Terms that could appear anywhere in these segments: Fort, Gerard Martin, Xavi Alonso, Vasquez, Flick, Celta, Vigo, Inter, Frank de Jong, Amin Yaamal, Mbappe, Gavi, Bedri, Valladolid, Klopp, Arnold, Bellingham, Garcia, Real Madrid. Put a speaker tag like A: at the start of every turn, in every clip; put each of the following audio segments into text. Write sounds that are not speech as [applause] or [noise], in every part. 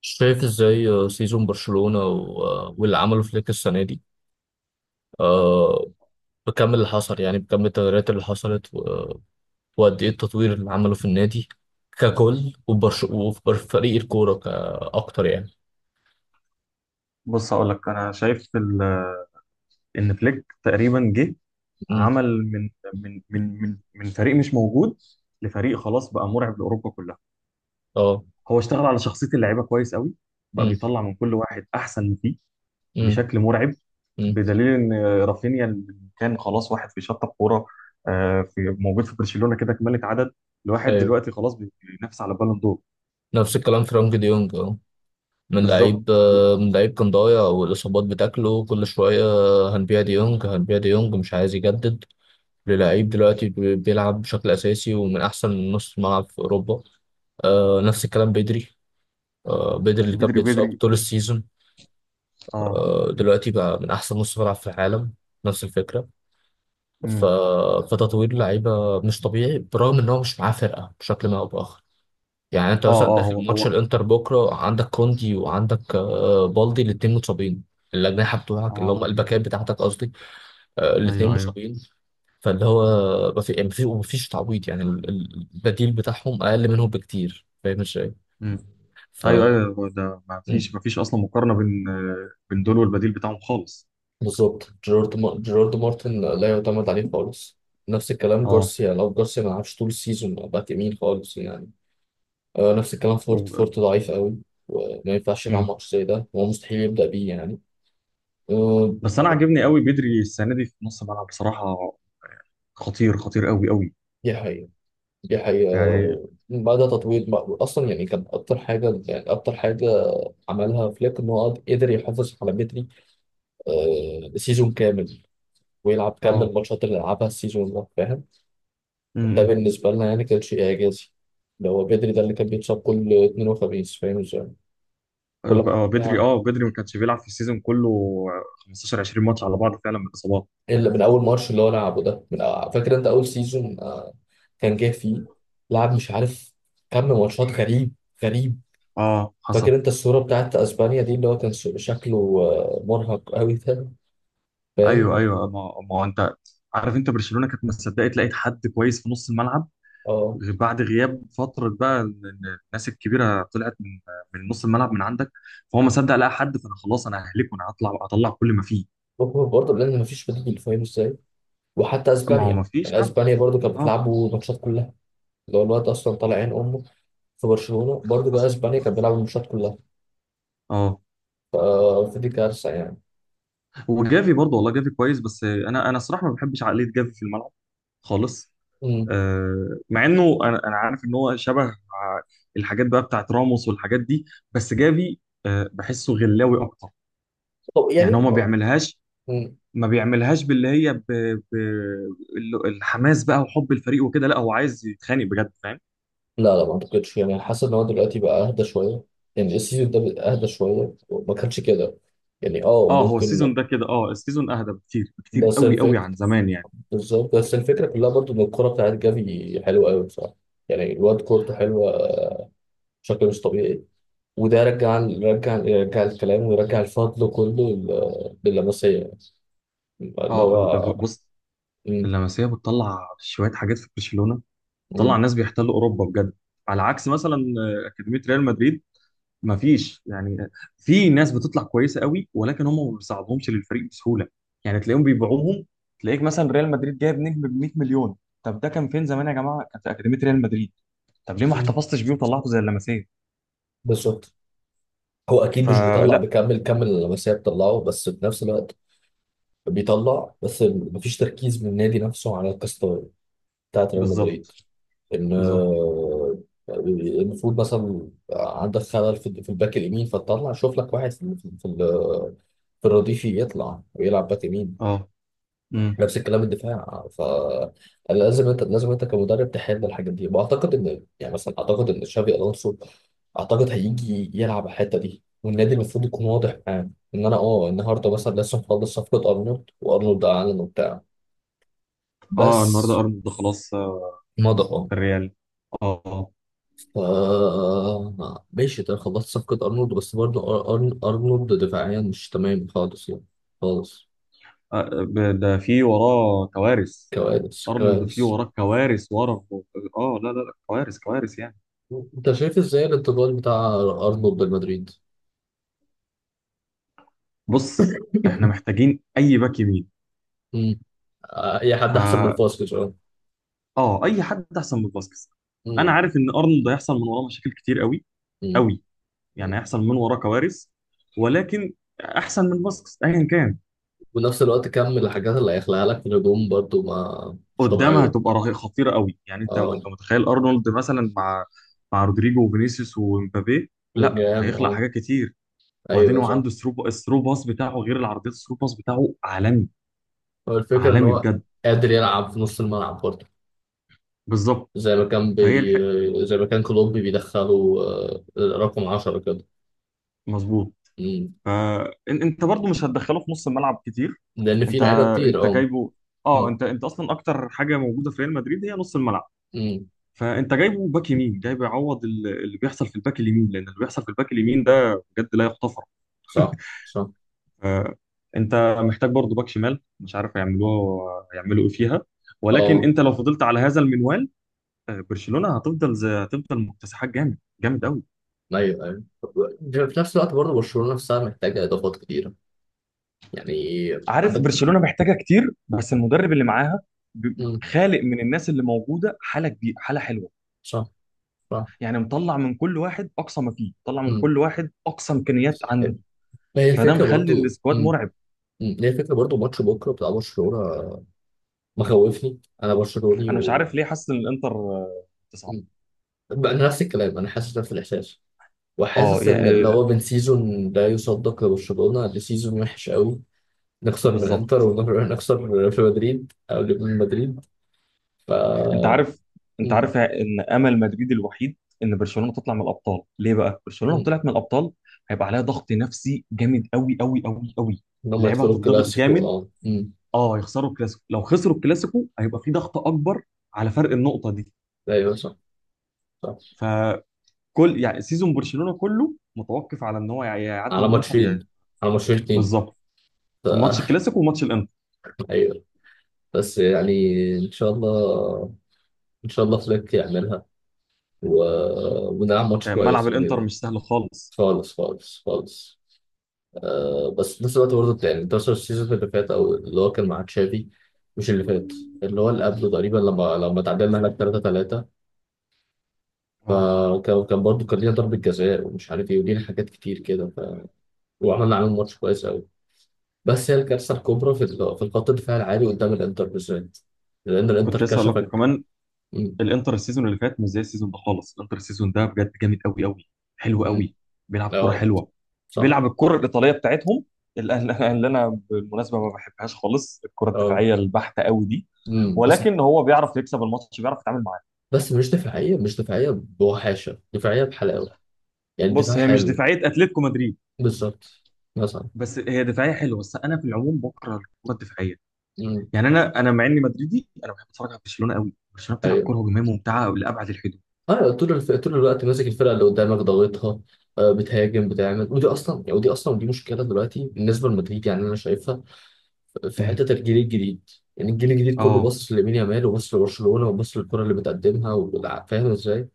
A: شايف ازاي، سيزون برشلونة واللي عمله فليك السنة دي. آه، بكم اللي حصل، يعني بكم التغييرات اللي حصلت، وقد ايه التطوير اللي عمله في النادي ككل، وبرش وفي فريق الكورة كأكتر يعني.
B: بص، هقول لك انا شايف ان فليك تقريبا جه.
A: مم.
B: عمل من فريق مش موجود لفريق خلاص بقى مرعب لاوروبا كلها.
A: اه.
B: هو اشتغل على شخصيه اللعيبه كويس قوي، بقى
A: مم.
B: بيطلع من كل واحد احسن ما فيه
A: مم.
B: بشكل مرعب،
A: مم.
B: بدليل ان رافينيا اللي كان خلاص واحد في شطه كوره، في موجود في برشلونه كده كمالة عدد. الواحد
A: ايوه.
B: دلوقتي خلاص بينافس على بالون دور.
A: نفس الكلام فرانك دي يونج، اه. من
B: بالظبط.
A: لعيب آه، من لعيب كان ضايع، والإصابات بتاكله كل شوية. هنبيع دي يونج، مش عايز يجدد للعيب دلوقتي، بيلعب بشكل أساسي ومن أحسن نص ملعب في أوروبا. نفس الكلام بدري، بدري اللي كان
B: بدري
A: بيتصاب
B: بدري
A: طول السيزون.
B: اه.
A: دلوقتي بقى من احسن نص ملعب في العالم، نفس الفكره. ف...
B: امم
A: فتطوير اللعيبه مش طبيعي برغم ان هو مش معاه فرقه بشكل ما او باخر. يعني انت
B: اه،
A: مثلا
B: اه، هو
A: داخل ماتش
B: هو
A: الانتر بكره عندك كوندي، وعندك بالدي، الاثنين متصابين، الاجنحه بتوعك اللي هم
B: اه،
A: الباكات بتاعتك قصدي، الاثنين
B: ايوه ايوه.
A: مصابين. فاللي هو، ما في- يعني ما في- ما فيش تعويض، يعني البديل بتاعهم اقل منهم بكتير، فاهم ازاي؟
B: مم.
A: ف
B: ايوه ايوه، هو ده ما فيش اصلا مقارنه بين بين دول والبديل بتاعهم خالص.
A: بالظبط. جيرارد مارتن لا يعتمد عليه خالص. نفس الكلام
B: اه،
A: جارسيا، لو جارسيا ما لعبش طول السيزون باك يمين خالص يعني. نفس الكلام فورت،
B: و-
A: ضعيف قوي، وما ينفعش يلعب
B: مم.
A: ماتش زي ده، هو مستحيل يبدأ بيه يعني. آه
B: بس انا عاجبني قوي بدري السنه دي في نص الملعب بصراحه، خطير خطير قوي قوي
A: دي حقيقة، دي حقيقة.
B: يعني.
A: بدأ تطوير بقى. أصلا يعني كان أكتر حاجة عملها فليك، إن هو قدر يحافظ على بدري سيزون كامل، ويلعب كامل
B: اه،
A: الماتشات اللي لعبها السيزون ده، فاهم؟ ده
B: امم
A: بالنسبة لنا يعني كان شيء إعجازي، اللي هو بدري ده اللي كان بيتصاب كل اثنين وخميس، فاهم ازاي؟ كل ما
B: بدري،
A: يرجع،
B: اه، بدري ما كانش بيلعب في السيزون كله، 15 20 ماتش على بعض فعلا من الاصابات.
A: إلا من أول ماتش اللي هو لعبه ده، فاكر أنت أول سيزون كان جه فيه، لعب مش عارف كم ماتشات. غريب غريب.
B: اه حصل.
A: فاكر أنت الصورة بتاعت أسبانيا دي، اللي هو كان شكله مرهق قوي ده،
B: ايوه
A: فاهم؟
B: ايوه، ما هو انت عارف انت برشلونه كانت مصدقه لقيت حد كويس في نص الملعب
A: أه.
B: بعد غياب فترة بقى إن الناس الكبيرة طلعت من نص الملعب من عندك. فهو ما صدق لقى حد، فأنا خلاص أنا ههلكه، أنا أطلع كل ما فيه.
A: هو برضه لأن مفيش بديل، فاهم ازاي؟ وحتى
B: ما هو ما
A: أسبانيا،
B: فيش
A: يعني
B: فعلا.
A: أسبانيا برضه كانت
B: أه.
A: بتلعبه ماتشات كلها، اللي هو الواد أصلا طالع عين أمه، في برشلونة برضه، جه
B: حصل
A: اسبانيا كان
B: حصل.
A: بيلعب الماتشات كلها.
B: أه.
A: ف- فدي كارثة يعني.
B: وجافي برضه والله، جافي كويس، بس أنا الصراحة ما بحبش عقلية جافي في الملعب خالص.
A: امم.
B: أه، مع إنه أنا عارف إن هو شبه الحاجات بقى بتاعت راموس والحاجات دي، بس جافي، بحسه غلاوي أكتر.
A: طب يعني.
B: يعني هو ما بيعملهاش،
A: امم.
B: ما بيعملهاش باللي هي ب... الحماس بقى وحب الفريق وكده. لا، هو عايز يتخانق بجد فاهم.
A: لا لا ما اعتقدش، يعني حاسس ان هو دلوقتي بقى اهدى شويه، يعني السيزون ده بقى اهدى شويه، ما كانش كده، يعني اه
B: اه، هو السيزون
A: ممكن.
B: ده كده، السيزون اهدى بكتير بكتير
A: بس
B: قوي قوي
A: الفكره،
B: عن زمان يعني.
A: بالظبط. بس الفكره كلها برضو ان الكوره بتاعت جافي حلوه قوي بصراحه، يعني الواد كورته حلوه بشكل مش طبيعي. وده رجع، يرجع الكلام، ويرجع الفضل كله لللمسيه اللي
B: اه،
A: هو.
B: بص،
A: مم،
B: اللمسيه بتطلع شويه حاجات في برشلونه، بتطلع
A: مم،
B: ناس بيحتلوا اوروبا بجد. على عكس مثلا اكاديميه ريال مدريد، ما فيش يعني، في ناس بتطلع كويسه قوي ولكن هم ما بيساعدهمش للفريق بسهوله. يعني تلاقيهم بيبيعوهم. تلاقيك مثلا ريال مدريد جايب نجم ب 100 مليون. طب ده كان فين زمان يا جماعه؟ كان في اكاديميه ريال مدريد. طب ليه ما
A: مم.
B: احتفظتش بيه وطلعته زي اللمسيه؟
A: بالظبط. هو اكيد مش بيطلع
B: فلا.
A: بكامل كم اللمسيه بتطلعه، بس في نفس الوقت بيطلع، بس مفيش تركيز من النادي نفسه على القصه بتاعت ريال
B: بالظبط.
A: مدريد، ان
B: بالظبط.
A: المفروض مثلا عندك خلل في في الباك اليمين، فتطلع شوف لك واحد في الرديف يطلع ويلعب باك يمين.
B: اه، امم
A: نفس الكلام الدفاع. لازم انت كمدرب تحل الحاجات دي، واعتقد ان يعني مثلا اعتقد ان تشافي الونسو اعتقد هيجي يلعب على الحته دي، والنادي المفروض يكون واضح معاه ان انا، النهارده مثلا لسه مخلص صفقه ارنولد، وارنولد اعلن وبتاع،
B: اه النهارده
A: بس
B: ارنولد خلاص،
A: مضى.
B: في الريال. اه، آه.
A: اه. ماشي، ده خلصت صفقه ارنولد، بس برضه ارنولد دفاعيا مش تمام خالص يعني، خالص،
B: ده في وراه كوارث.
A: كوارث
B: ارنولد في
A: كوارث.
B: وراه كوارث ورا. اه، لا لا لا، كوارث كوارث يعني.
A: انت شايف ازاي الانتقال بتاع ارنولد لمدريد؟
B: بص، احنا
A: [coughs]
B: محتاجين اي باك يمين.
A: مم. اي حد احسن من
B: فا
A: فاسكيز، اه.
B: اه، اي حد احسن من فاسكيز. انا
A: مم.
B: عارف ان ارنولد هيحصل من وراه مشاكل كتير قوي
A: مم.
B: قوي، يعني
A: مم.
B: هيحصل من وراه كوارث، ولكن احسن من فاسكيز ايا كان.
A: ونفس الوقت كم من الحاجات اللي هيخلقها لك في الهجوم برضو، ما مش
B: قدامها
A: طبيعيه،
B: هتبقى رهيبه خطيره قوي. يعني انت،
A: اه.
B: متخيل ارنولد مثلا مع رودريجو وفينيسيوس ومبابي؟ لا،
A: بلينجهام،
B: هيخلق
A: اه.
B: حاجات كتير. وبعدين
A: ايوه
B: هو
A: صح.
B: عنده الثرو باس بتاعه، غير العرضيات، الثرو باس بتاعه عالمي،
A: هو الفكره ان
B: عالمي
A: هو
B: بجد.
A: قادر يلعب في نص الملعب برضو،
B: بالظبط. فهي الحق.
A: زي ما كان كلوب بيدخله رقم 10 كده.
B: مظبوط.
A: مم.
B: فانت برضو مش هتدخله في نص الملعب كتير.
A: لان في
B: انت
A: لعيبه كتير،
B: انت
A: اه.
B: جايبه. اه،
A: مم.
B: انت اصلا اكتر حاجه موجوده في ريال مدريد هي نص الملعب.
A: مم.
B: فانت جايبه باك يمين، جايبه يعوض اللي بيحصل في الباك اليمين، لان اللي بيحصل في الباك اليمين ده بجد لا يغتفر.
A: صح صح.
B: آه، انت محتاج برضه باك شمال، مش عارف هيعملوه، هيعملوا ايه فيها. ولكن
A: اه.
B: انت لو فضلت على هذا المنوال، برشلونة هتفضل زي، هتفضل مكتسحات جامد جامد قوي.
A: ايوه ايوه. في نفس الوقت برضه برشلونه نفسها محتاجه اضافات كتيره، يعني،
B: عارف
A: عندك.
B: برشلونه محتاجه كتير، بس المدرب اللي معاها ب-
A: مم.
B: خالق من الناس اللي موجوده حاله كبيره، حاله حلوه.
A: صح صح.
B: يعني مطلع من كل واحد اقصى ما فيه، طلع من
A: امم.
B: كل واحد اقصى امكانيات عنده.
A: هي
B: فده
A: الفكره
B: مخلي
A: برضو،
B: السكواد
A: امم.
B: مرعب.
A: امم، هي الفكره برضو. ماتش بكره بتاع برشلونه مخوفني، انا برشلوني
B: انا مش
A: و
B: عارف ليه حاسس ان الانتر تصعد.
A: مم. بقى، أنا نفس الكلام، انا حاسس نفس الاحساس،
B: اه
A: وحاسس ان
B: يعني.
A: اللي هو، من سيزون لا يصدق لبرشلونه لسيزون وحش قوي، نخسر من انتر،
B: بالظبط.
A: ونخسر في مدريد او من مدريد. ف
B: انت عارف انت
A: امم.
B: عارف ان امل مدريد الوحيد ان برشلونه تطلع من الابطال. ليه بقى؟ برشلونه لو
A: امم،
B: طلعت من الابطال هيبقى عليها ضغط نفسي جامد قوي قوي قوي قوي.
A: ان هم
B: اللعيبه
A: يدخلوا
B: هتضغط
A: الكلاسيكو،
B: جامد.
A: اه، امم.
B: اه، يخسروا الكلاسيكو، لو خسروا الكلاسيكو هيبقى في ضغط اكبر على فرق النقطه دي.
A: ايوه صح. صح.
B: فكل يعني سيزون برشلونه كله متوقف على ان هو يعدي
A: على
B: من الانتر
A: ماتشين، على ماتشين اتنين.
B: بالظبط.
A: ف...
B: ماتش الكلاسيكو وماتش الانتر.
A: ايوه. بس يعني، ان شاء الله، ان شاء الله فليك يعملها، و... ونلعب ماتش
B: يعني ملعب
A: كويس
B: الانتر
A: يعني.
B: مش سهل خالص.
A: خالص خالص خالص. بس في نفس الوقت برضه يعني، ده السيزون اللي فات، او اللي هو كان مع تشافي، مش اللي فات، اللي هو اللي قبله تقريبا، لما تعادلنا هناك 3-3.
B: اه،
A: فكان برضه كان لينا ضربة جزاء، ومش عارف ايه، ولينا حاجات كتير كده، وعملنا عليهم ماتش كويس قوي. بس هي الكارثة الكبرى في الخط الدفاع العالي قدام الانتر بالذات، لان الانتر
B: كنت لسه اقول لك،
A: كشفك.
B: وكمان
A: امم.
B: الانتر السيزون اللي فات مش زي السيزون ده خالص. الانتر السيزون ده بجد جامد قوي قوي، حلو
A: امم.
B: قوي. بيلعب كرة
A: اه.
B: حلوة،
A: صح.
B: بيلعب الكرة الإيطالية بتاعتهم، اللي [laughs] اللي أنا بالمناسبة ما بحبهاش خالص، الكرة
A: اه.
B: الدفاعية البحتة قوي دي.
A: امم. بس،
B: ولكن هو بيعرف يكسب الماتش، بيعرف يتعامل معاه.
A: بس مش دفاعية، مش دفاعية بوحاشة، دفاعية بحلاوة، يعني دفاع
B: بص، هي مش
A: حلو.
B: دفاعية أتلتيكو مدريد،
A: بالظبط، مثلا.
B: بس هي دفاعية حلوة. بس أنا في العموم بكره الكرة الدفاعية.
A: امم.
B: يعني أنا مع إني مدريدي، أنا بحب أتفرج على برشلونة قوي. برشلونة بتلعب كرة
A: ايوه.
B: هجومية ممتعة لأبعد الحدود.
A: اه طول الوقت ماسك الفرقة اللي قدامك، ضاغطها، بتهاجم بتعمل، ودي اصلا دي مشكلة دلوقتي بالنسبة لمدريد، يعني انا شايفها في
B: أمم.
A: حتة الجيل الجديد. يعني الجيل الجديد كله
B: اه،
A: باصص لامين يامال، وباصص لبرشلونة، وباصص للكرة اللي بتقدمها، فاهم ازاي؟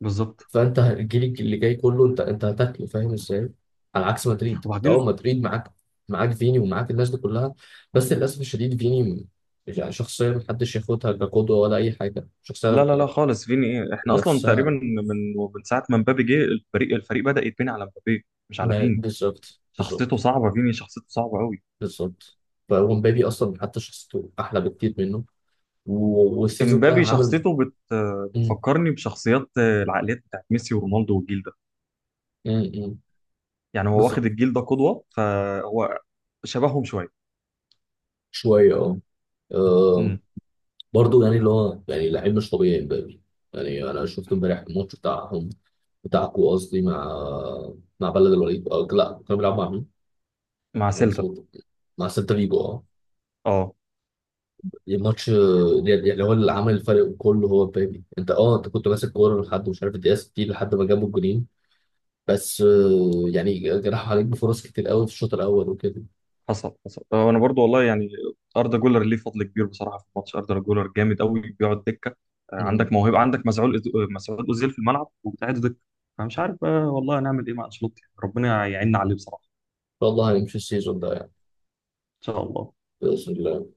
B: بالظبط.
A: فانت هتجيلك اللي جاي كله، انت هتاكله، فاهم ازاي؟ على عكس مدريد انت،
B: وبعدين،
A: مدريد معاك، معاك فيني ومعاك الناس دي كلها. بس للاسف الشديد فيني، يعني شخصيه محدش ياخدها كقدوه ولا اي حاجه،
B: لا
A: شخصيه
B: لا لا خالص، فيني ايه؟ احنا اصلا
A: نفسها.
B: تقريبا من ساعه ما مبابي جه الفريق، بدا يتبني على مبابي مش على فيني.
A: بالظبط
B: شخصيته
A: بالظبط،
B: صعبه، فيني شخصيته صعبه قوي.
A: بالظبط. ومبابي اصلا حتى شخصيته احلى بكتير منه، والسيزون ده
B: امبابي
A: عامل.
B: شخصيته
A: مم،
B: بتفكرني بشخصيات، العقليات بتاعت ميسي ورونالدو والجيل ده.
A: مم، مم.
B: يعني هو
A: بالظبط.
B: واخد الجيل ده قدوه، فهو شبههم شويه.
A: شويه، اه. آه.
B: امم
A: برضو يعني اللي هو يعني لعيب مش طبيعي مبابي، يعني انا شفت امبارح الماتش بتاعهم، بتاعكو قصدي، مع بلد الوليد، أو لا كانوا بيلعبوا مع مين؟
B: مع
A: مع
B: سيلتا.
A: سيلتا، مع سيلتا فيجو، اه.
B: اه،
A: الماتش يعني، هو اللي عمل الفرق كله هو مبابي، انت انت كنت ماسك كوره لحد مش عارف الدقيقه 60 لحد ما جابوا الجونين، بس يعني جراح عليك بفرص كتير قوي في الشوط الاول وكده.
B: حصل حصل، انا برضو والله يعني اردا جولر ليه فضل كبير بصراحه في الماتش. اردا جولر جامد قوي بيقعد دكه.
A: مم. ان
B: عندك موهبه، عندك مسعود مسعود اوزيل في الملعب وبتاعد دكه. فمش عارف بقى والله هنعمل ايه مع انشيلوتي، ربنا يعيننا عليه بصراحه.
A: شاء الله هنمشي السيزون ده يعني،
B: ان شاء الله.
A: باذن الله.